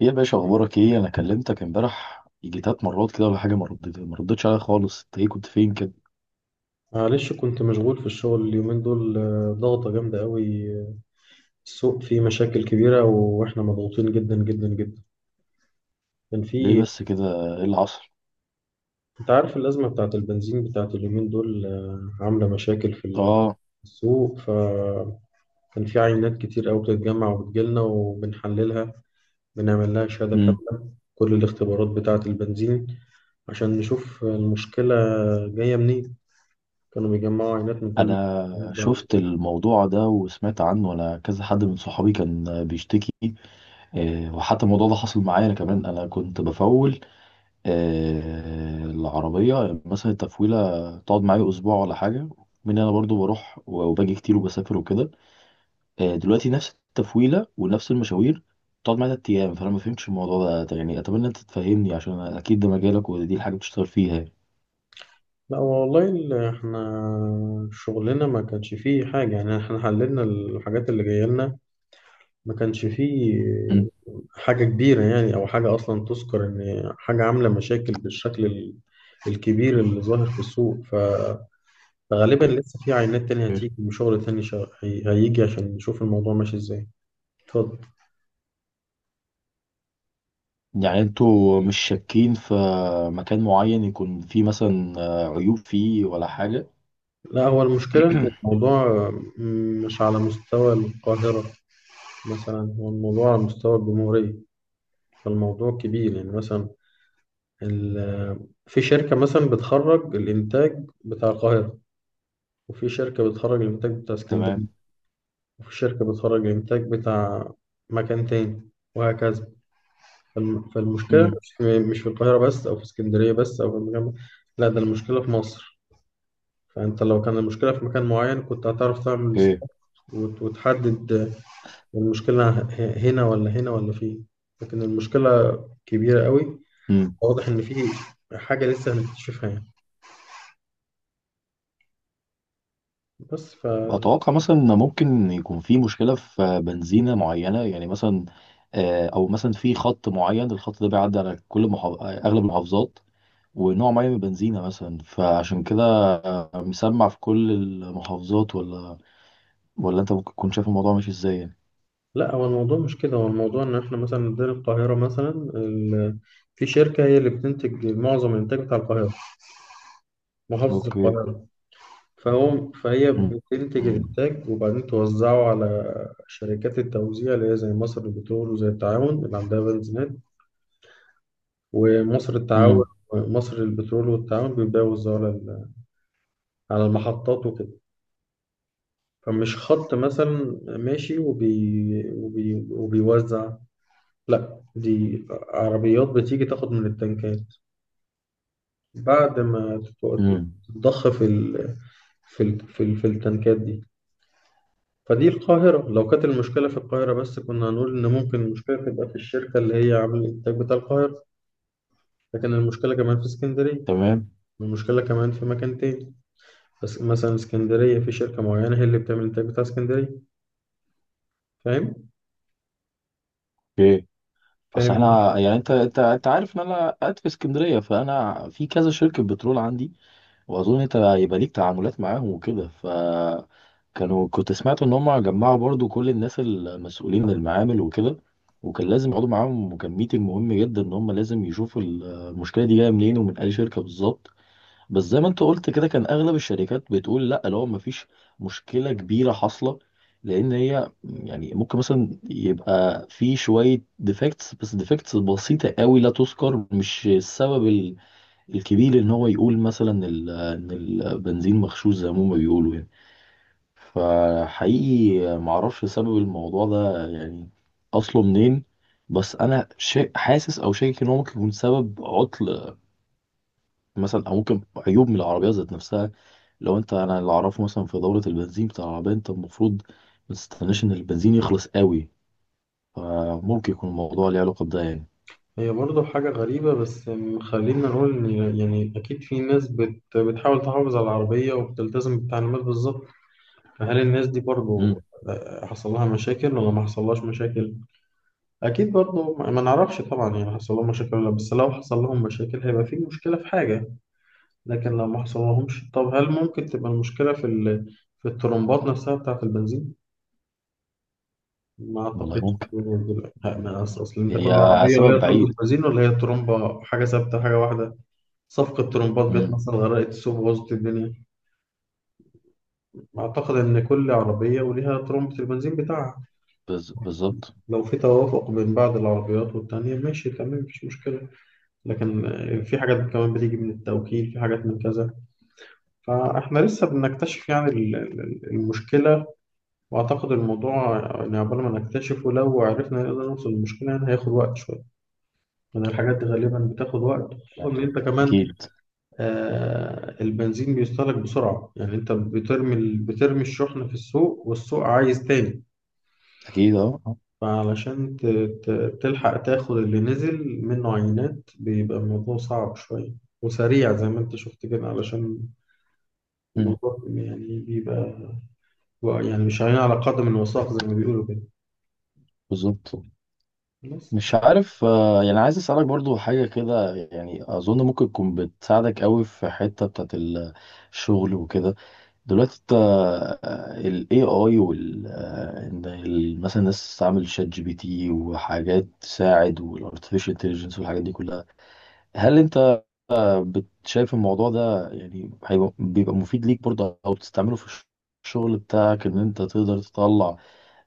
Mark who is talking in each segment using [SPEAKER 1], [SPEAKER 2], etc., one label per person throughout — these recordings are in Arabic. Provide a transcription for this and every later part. [SPEAKER 1] ايه يا باشا، اخبارك ايه؟ انا كلمتك امبارح يجي تلات مرات كده ولا حاجه، ما ردتش عليا خالص. انت ايه كنت فين كده؟
[SPEAKER 2] معلش كنت مشغول في الشغل اليومين دول، ضغطة جامدة قوي. السوق فيه مشاكل كبيرة وإحنا مضغوطين جدا جدا جدا. كان
[SPEAKER 1] ليه
[SPEAKER 2] في.
[SPEAKER 1] بس كده؟ ايه اللي حصل؟
[SPEAKER 2] أنت عارف الأزمة بتاعت البنزين بتاعت اليومين دول، عاملة مشاكل في
[SPEAKER 1] اه.
[SPEAKER 2] السوق. فكان في عينات كتير قوي بتتجمع وبتجيلنا وبنحللها، بنعمل لها شهادة
[SPEAKER 1] امم
[SPEAKER 2] كاملة كل الاختبارات بتاعت البنزين عشان نشوف المشكلة جاية منين. كانوا بيجمعوا عينات من كل الجهات
[SPEAKER 1] انا شفت
[SPEAKER 2] بقى.
[SPEAKER 1] الموضوع ده وسمعت عنه، انا كذا حد من صحابي كان بيشتكي. وحتى الموضوع ده حصل معايا انا كمان، انا كنت بفول. العربيه مثلا، التفويله تقعد معايا اسبوع ولا حاجه، من انا برضو بروح وباجي كتير وبسافر وكده. دلوقتي نفس التفويله ونفس المشاوير تقعد معايا تلات ايام، فانا ما فهمتش الموضوع ده. طب يعني اتمنى انت تفهمني، عشان اكيد ده مجالك ودي الحاجه اللي بتشتغل فيها يعني.
[SPEAKER 2] لا والله احنا شغلنا ما كانش فيه حاجة، يعني احنا حللنا الحاجات اللي جاية لنا، ما كانش فيه
[SPEAKER 1] مم.
[SPEAKER 2] حاجة كبيرة يعني أو حاجة أصلا تذكر إن حاجة عاملة مشاكل بالشكل الكبير اللي ظاهر في السوق. فغالبا
[SPEAKER 1] اوكي.
[SPEAKER 2] لسه في عينات تانية هتيجي وشغل تاني هيجي عشان نشوف الموضوع ماشي إزاي. اتفضل.
[SPEAKER 1] يعني انتوا مش شاكين في مكان معين يكون فيه مثلا عيوب فيه ولا حاجه؟
[SPEAKER 2] لا هو المشكلة إن الموضوع مش على مستوى القاهرة، مثلا هو الموضوع على مستوى الجمهورية. فالموضوع كبير، يعني مثلا في شركة مثلا بتخرج الإنتاج بتاع القاهرة، وفي شركة بتخرج الإنتاج بتاع اسكندرية،
[SPEAKER 1] تمام.
[SPEAKER 2] وفي شركة بتخرج الإنتاج بتاع مكان تاني، وهكذا. فالمشكلة
[SPEAKER 1] مم.
[SPEAKER 2] مش في القاهرة بس أو في اسكندرية بس أو في المكان بس. لا ده المشكلة في مصر. فأنت لو كان المشكلة في مكان معين كنت هتعرف تعمل
[SPEAKER 1] اوكي.
[SPEAKER 2] استاد وتحدد المشكلة هنا ولا هنا ولا فين. لكن المشكلة كبيرة قوي.
[SPEAKER 1] امم
[SPEAKER 2] واضح إن في حاجة لسه هنكتشفها يعني. بس ف.
[SPEAKER 1] اتوقع مثلا ان ممكن يكون في مشكله في بنزينه معينه يعني، مثلا او مثلا في خط معين، الخط ده بيعدي على اغلب المحافظات ونوع معين من البنزينة مثلا، فعشان كده مسمع في كل المحافظات، ولا انت ممكن تكون شايف الموضوع ماشي ازاي يعني؟
[SPEAKER 2] لا هو الموضوع مش كده، هو الموضوع ان احنا مثلا عندنا القاهرة مثلا، ال- في شركة هي اللي بتنتج معظم الانتاج بتاع القاهرة، محافظة
[SPEAKER 1] اوكي.
[SPEAKER 2] القاهرة. فهي
[SPEAKER 1] مم.
[SPEAKER 2] بتنتج
[SPEAKER 1] مم.
[SPEAKER 2] الانتاج وبعدين توزعه على شركات التوزيع اللي هي زي مصر للبترول وزي التعاون اللي عندها بنزينات. ومصر التعاون،
[SPEAKER 1] مم.
[SPEAKER 2] مصر للبترول والتعاون بيبدأوا يوزعوا على على المحطات وكده. فمش خط مثلا ماشي وبيوزع. لا دي عربيات بتيجي تاخد من التنكات بعد ما
[SPEAKER 1] مم.
[SPEAKER 2] تتضخ في ال... في ال... في, ال... في التنكات دي. فدي القاهرة، لو كانت المشكلة في القاهرة بس كنا هنقول إن ممكن المشكلة تبقى في الشركة اللي هي عاملة الإنتاج بتاع القاهرة، لكن المشكلة كمان في اسكندرية،
[SPEAKER 1] تمام.
[SPEAKER 2] المشكلة كمان في مكان تاني. بس مثلا اسكندرية في شركة معينة هي اللي بتعمل الإنتاج بتاع اسكندرية. فاهم؟
[SPEAKER 1] اوكي. اصل
[SPEAKER 2] فاهم.
[SPEAKER 1] احنا يعني، انت عارف ان انا قاعد في اسكندرية، فانا في كذا شركة بترول عندي، واظن انت هيبقى ليك تعاملات معاهم وكده. ف كنت سمعت ان هم جمعوا برضو كل الناس المسؤولين من المعامل وكده، وكان لازم يقعدوا معاهم، وكان ميتنج مهم جدا ان هم لازم يشوفوا المشكله دي جايه منين ومن اي شركه بالظبط. بس زي ما انت قلت كده، كان اغلب الشركات بتقول لا، لو ما فيش مشكله كبيره حاصله، لان هي يعني ممكن مثلا يبقى في شويه ديفكتس، بس ديفكتس بسيطه قوي لا تذكر، مش السبب الكبير ان هو يقول مثلا ان البنزين مغشوش زي ما هما بيقولوا يعني. فحقيقي معرفش سبب الموضوع ده يعني اصله منين. بس انا حاسس او شاكك ان هو ممكن يكون سبب عطل مثلا، او ممكن عيوب من العربيه ذات نفسها. لو انت انا اللي اعرفه مثلا، في دوره البنزين بتاع العربيه، انت المفروض ما تستناش ان البنزين يخلص قوي، فممكن يكون الموضوع ليه علاقه بده يعني.
[SPEAKER 2] هي برضه حاجة غريبة، بس خلينا نقول إن يعني أكيد في ناس بتحاول تحافظ على العربية وبتلتزم بالتعليمات بالظبط. فهل الناس دي برضو،
[SPEAKER 1] امم
[SPEAKER 2] حصل لها مشاكل ولا ما حصلهاش مشاكل؟ أكيد برضو ما نعرفش طبعا، يعني حصل لهم مشاكل ولا لأ، بس لو حصل لهم مشاكل هيبقى في مشكلة في حاجة. لكن لو ما حصل لهمش، طب هل ممكن تبقى المشكلة في ال... في الترمبات نفسها بتاعة البنزين؟ ما
[SPEAKER 1] والله
[SPEAKER 2] أعتقدش
[SPEAKER 1] ممكن،
[SPEAKER 2] ها، ما أص- أصل أنت كل
[SPEAKER 1] هي
[SPEAKER 2] عربية
[SPEAKER 1] سبب
[SPEAKER 2] وليها ترمبة
[SPEAKER 1] بعيد.
[SPEAKER 2] بنزين، ولا هي ترمبة حاجة ثابتة حاجة واحدة؟ صفقة ترمبات جت
[SPEAKER 1] امم
[SPEAKER 2] مثلا غرقت السوق بوظت الدنيا. أعتقد إن كل عربية وليها ترمبة البنزين بتاعها.
[SPEAKER 1] بالظبط.
[SPEAKER 2] لو في توافق بين بعض العربيات والتانية ماشي تمام مفيش مشكلة. لكن في حاجات كمان بتيجي من التوكيل، في حاجات من كذا. فاحنا لسه بنكتشف يعني المشكلة. وأعتقد الموضوع يعني عقبال ما نكتشفه، لو عرفنا نقدر نوصل للمشكلة، يعني هياخد وقت شوية. لأن الحاجات دي غالبا بتاخد وقت، خصوصا إن
[SPEAKER 1] يعني
[SPEAKER 2] أنت كمان
[SPEAKER 1] اكيد.
[SPEAKER 2] البنزين بيستهلك بسرعة. يعني أنت بترمي بترمي الشحن في السوق والسوق عايز تاني.
[SPEAKER 1] اكيد. اه. آه.
[SPEAKER 2] فعلشان تلحق تاخد اللي نزل منه عينات بيبقى الموضوع صعب شوية وسريع، زي ما انت شفت كده، علشان
[SPEAKER 1] مم.
[SPEAKER 2] الموضوع يعني بيبقى، يعني مش عينين على قدم الوثاق زي ما بيقولوا كده.
[SPEAKER 1] بالظبط.
[SPEAKER 2] بس
[SPEAKER 1] مش عارف. يعني عايز اسالك برضو حاجه كده، يعني اظن ممكن تكون بتساعدك قوي في حته بتاعت الشغل وكده. دلوقتي انت الاي اي وال آه، إن مثلا الناس تستعمل شات جي بي تي وحاجات تساعد والارتفيشال انتليجنس والحاجات دي كلها، هل انت شايف الموضوع ده يعني هيبقى بيبقى مفيد ليك برضه، او بتستعمله في الشغل بتاعك، ان انت تقدر تطلع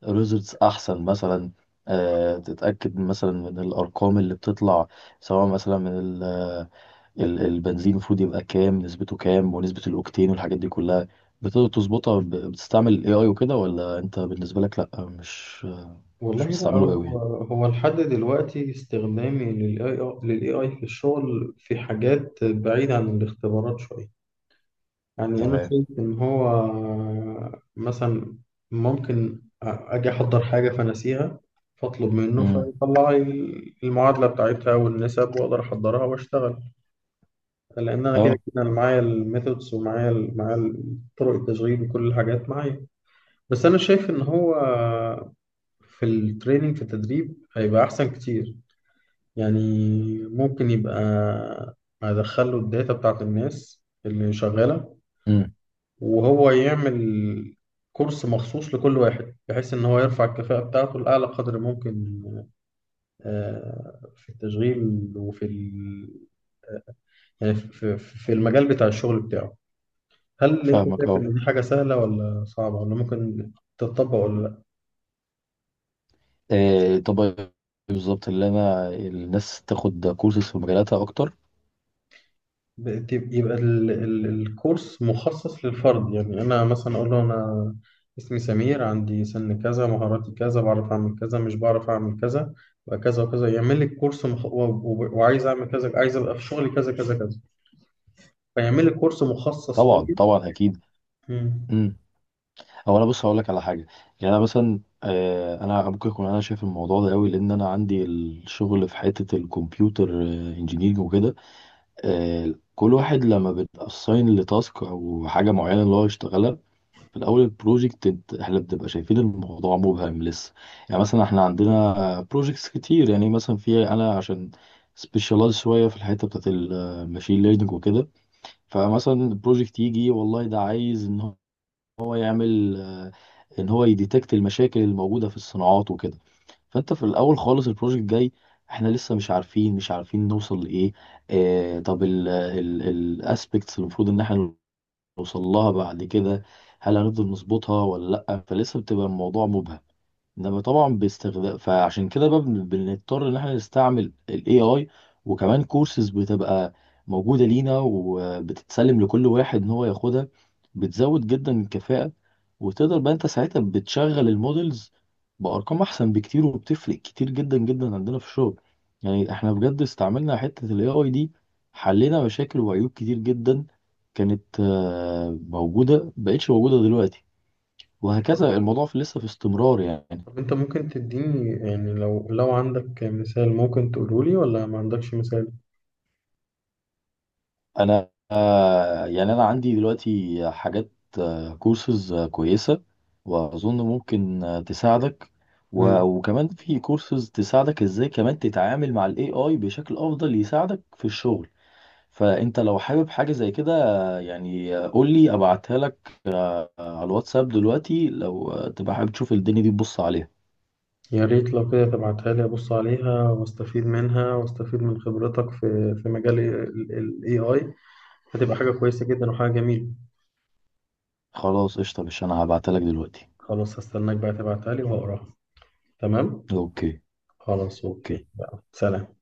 [SPEAKER 1] ريزلتس احسن مثلا، تتاكد مثلا من الارقام اللي بتطلع، سواء مثلا من البنزين المفروض يبقى كام، نسبته كام ونسبه الاوكتين والحاجات دي كلها، بتقدر تظبطها بتستعمل الاي اي وكده؟ ولا انت بالنسبه لك لا، مش
[SPEAKER 2] والله بقى
[SPEAKER 1] بتستعمله
[SPEAKER 2] هو
[SPEAKER 1] قوي؟
[SPEAKER 2] هو لحد دلوقتي استخدامي للاي اي في الشغل في حاجات بعيدة عن الاختبارات شوية. يعني أنا
[SPEAKER 1] تمام.
[SPEAKER 2] شايف إن هو مثلا ممكن أجي أحضر حاجة فنسيها، فأطلب منه
[SPEAKER 1] امم.
[SPEAKER 2] فيطلع لي المعادلة بتاعتها والنسب وأقدر أحضرها وأشتغل. لأن أنا كده
[SPEAKER 1] اه.
[SPEAKER 2] كده أنا معايا الميثودز ومعايا معايا طرق التشغيل وكل الحاجات معايا. بس أنا شايف إن هو في التريننج في التدريب هيبقى أحسن كتير. يعني ممكن يبقى أدخله الداتا بتاعت الناس اللي شغالة،
[SPEAKER 1] امم.
[SPEAKER 2] وهو يعمل كورس مخصوص لكل واحد بحيث إن هو يرفع الكفاءة بتاعته لأعلى قدر ممكن، في التشغيل وفي ال... يعني في المجال بتاع الشغل بتاعه. هل أنت
[SPEAKER 1] فاهمك.
[SPEAKER 2] شايف
[SPEAKER 1] اه.
[SPEAKER 2] إن دي حاجة سهلة ولا صعبة ولا ممكن تتطبق ولا لأ؟
[SPEAKER 1] طب بالظبط اللي الناس تاخد كورسز في مجالاتها اكتر.
[SPEAKER 2] يبقى ال الكورس مخصص للفرد، يعني انا مثلا اقول له انا اسمي سمير عندي سن كذا، مهاراتي كذا، بعرف اعمل كذا، مش بعرف اعمل كذا، وكذا وكذا يعمل لي كورس مخ... و... و... وعايز اعمل كذا، عايز ابقى في شغلي كذا كذا كذا، فيعمل لي كورس مخصص
[SPEAKER 1] طبعا،
[SPEAKER 2] ليا.
[SPEAKER 1] طبعا.
[SPEAKER 2] مم.
[SPEAKER 1] اكيد. هو انا بص هقول لك على حاجه. يعني انا مثلا، انا ممكن اكون انا شايف الموضوع ده قوي لان انا عندي الشغل في حته الكمبيوتر انجينيرنج وكده. كل واحد لما بتاساين لتاسك او حاجه معينه اللي هو يشتغلها، في الاول البروجكت احنا بنبقى شايفين الموضوع مبهم لسه. يعني مثلا احنا عندنا بروجكتس كتير، يعني مثلا انا عشان سبيشالايز شويه في الحته بتاعت الماشين ليرنينج وكده، فمثلا البروجكت يجي والله ده عايز هو يعمل آه، ان هو يديتكت المشاكل الموجوده في الصناعات وكده. فانت في الاول خالص، البروجكت جاي، احنا لسه مش عارفين نوصل لايه. طب الاسبكتس اللي المفروض ان احنا نوصل لها بعد كده، هل هنفضل نظبطها ولا لا؟ فلسه بتبقى الموضوع مبهم. ده طبعا باستخدام، فعشان كده بقى بنضطر ان احنا نستعمل الاي اي، وكمان كورسز بتبقى موجودة لينا وبتتسلم لكل واحد ان هو ياخدها، بتزود جدا الكفاءة. وتقدر بقى انت ساعتها بتشغل المودلز بأرقام احسن بكتير، وبتفرق كتير جدا جدا عندنا في الشغل. يعني احنا بجد استعملنا حتة الاي اي دي، حلينا مشاكل وعيوب كتير جدا كانت موجودة، مبقتش موجودة دلوقتي، وهكذا الموضوع في لسه في استمرار يعني.
[SPEAKER 2] طب انت ممكن تديني، يعني لو لو عندك مثال ممكن تقوله لي ولا ما عندكش مثال؟
[SPEAKER 1] انا يعني انا عندي دلوقتي حاجات، كورسز كويسه واظن ممكن تساعدك، وكمان في كورسز تساعدك ازاي كمان تتعامل مع الاي اي بشكل افضل يساعدك في الشغل. فانت لو حابب حاجه زي كده، يعني قول لي ابعتها لك على الواتساب دلوقتي، لو تبقى حابب تشوف الدنيا دي تبص عليها.
[SPEAKER 2] يا ريت لو كده تبعتها لي أبص عليها وأستفيد منها وأستفيد من خبرتك في مجال AI. هتبقى حاجة كويسة جدا وحاجة جميلة.
[SPEAKER 1] خلاص قشطه، مش انا هبعتها لك دلوقتي.
[SPEAKER 2] خلاص هستناك بقى تبعتها لي وهقراها. تمام؟
[SPEAKER 1] اوكي.
[SPEAKER 2] خلاص أوكي،
[SPEAKER 1] اوكي.
[SPEAKER 2] يلا سلام.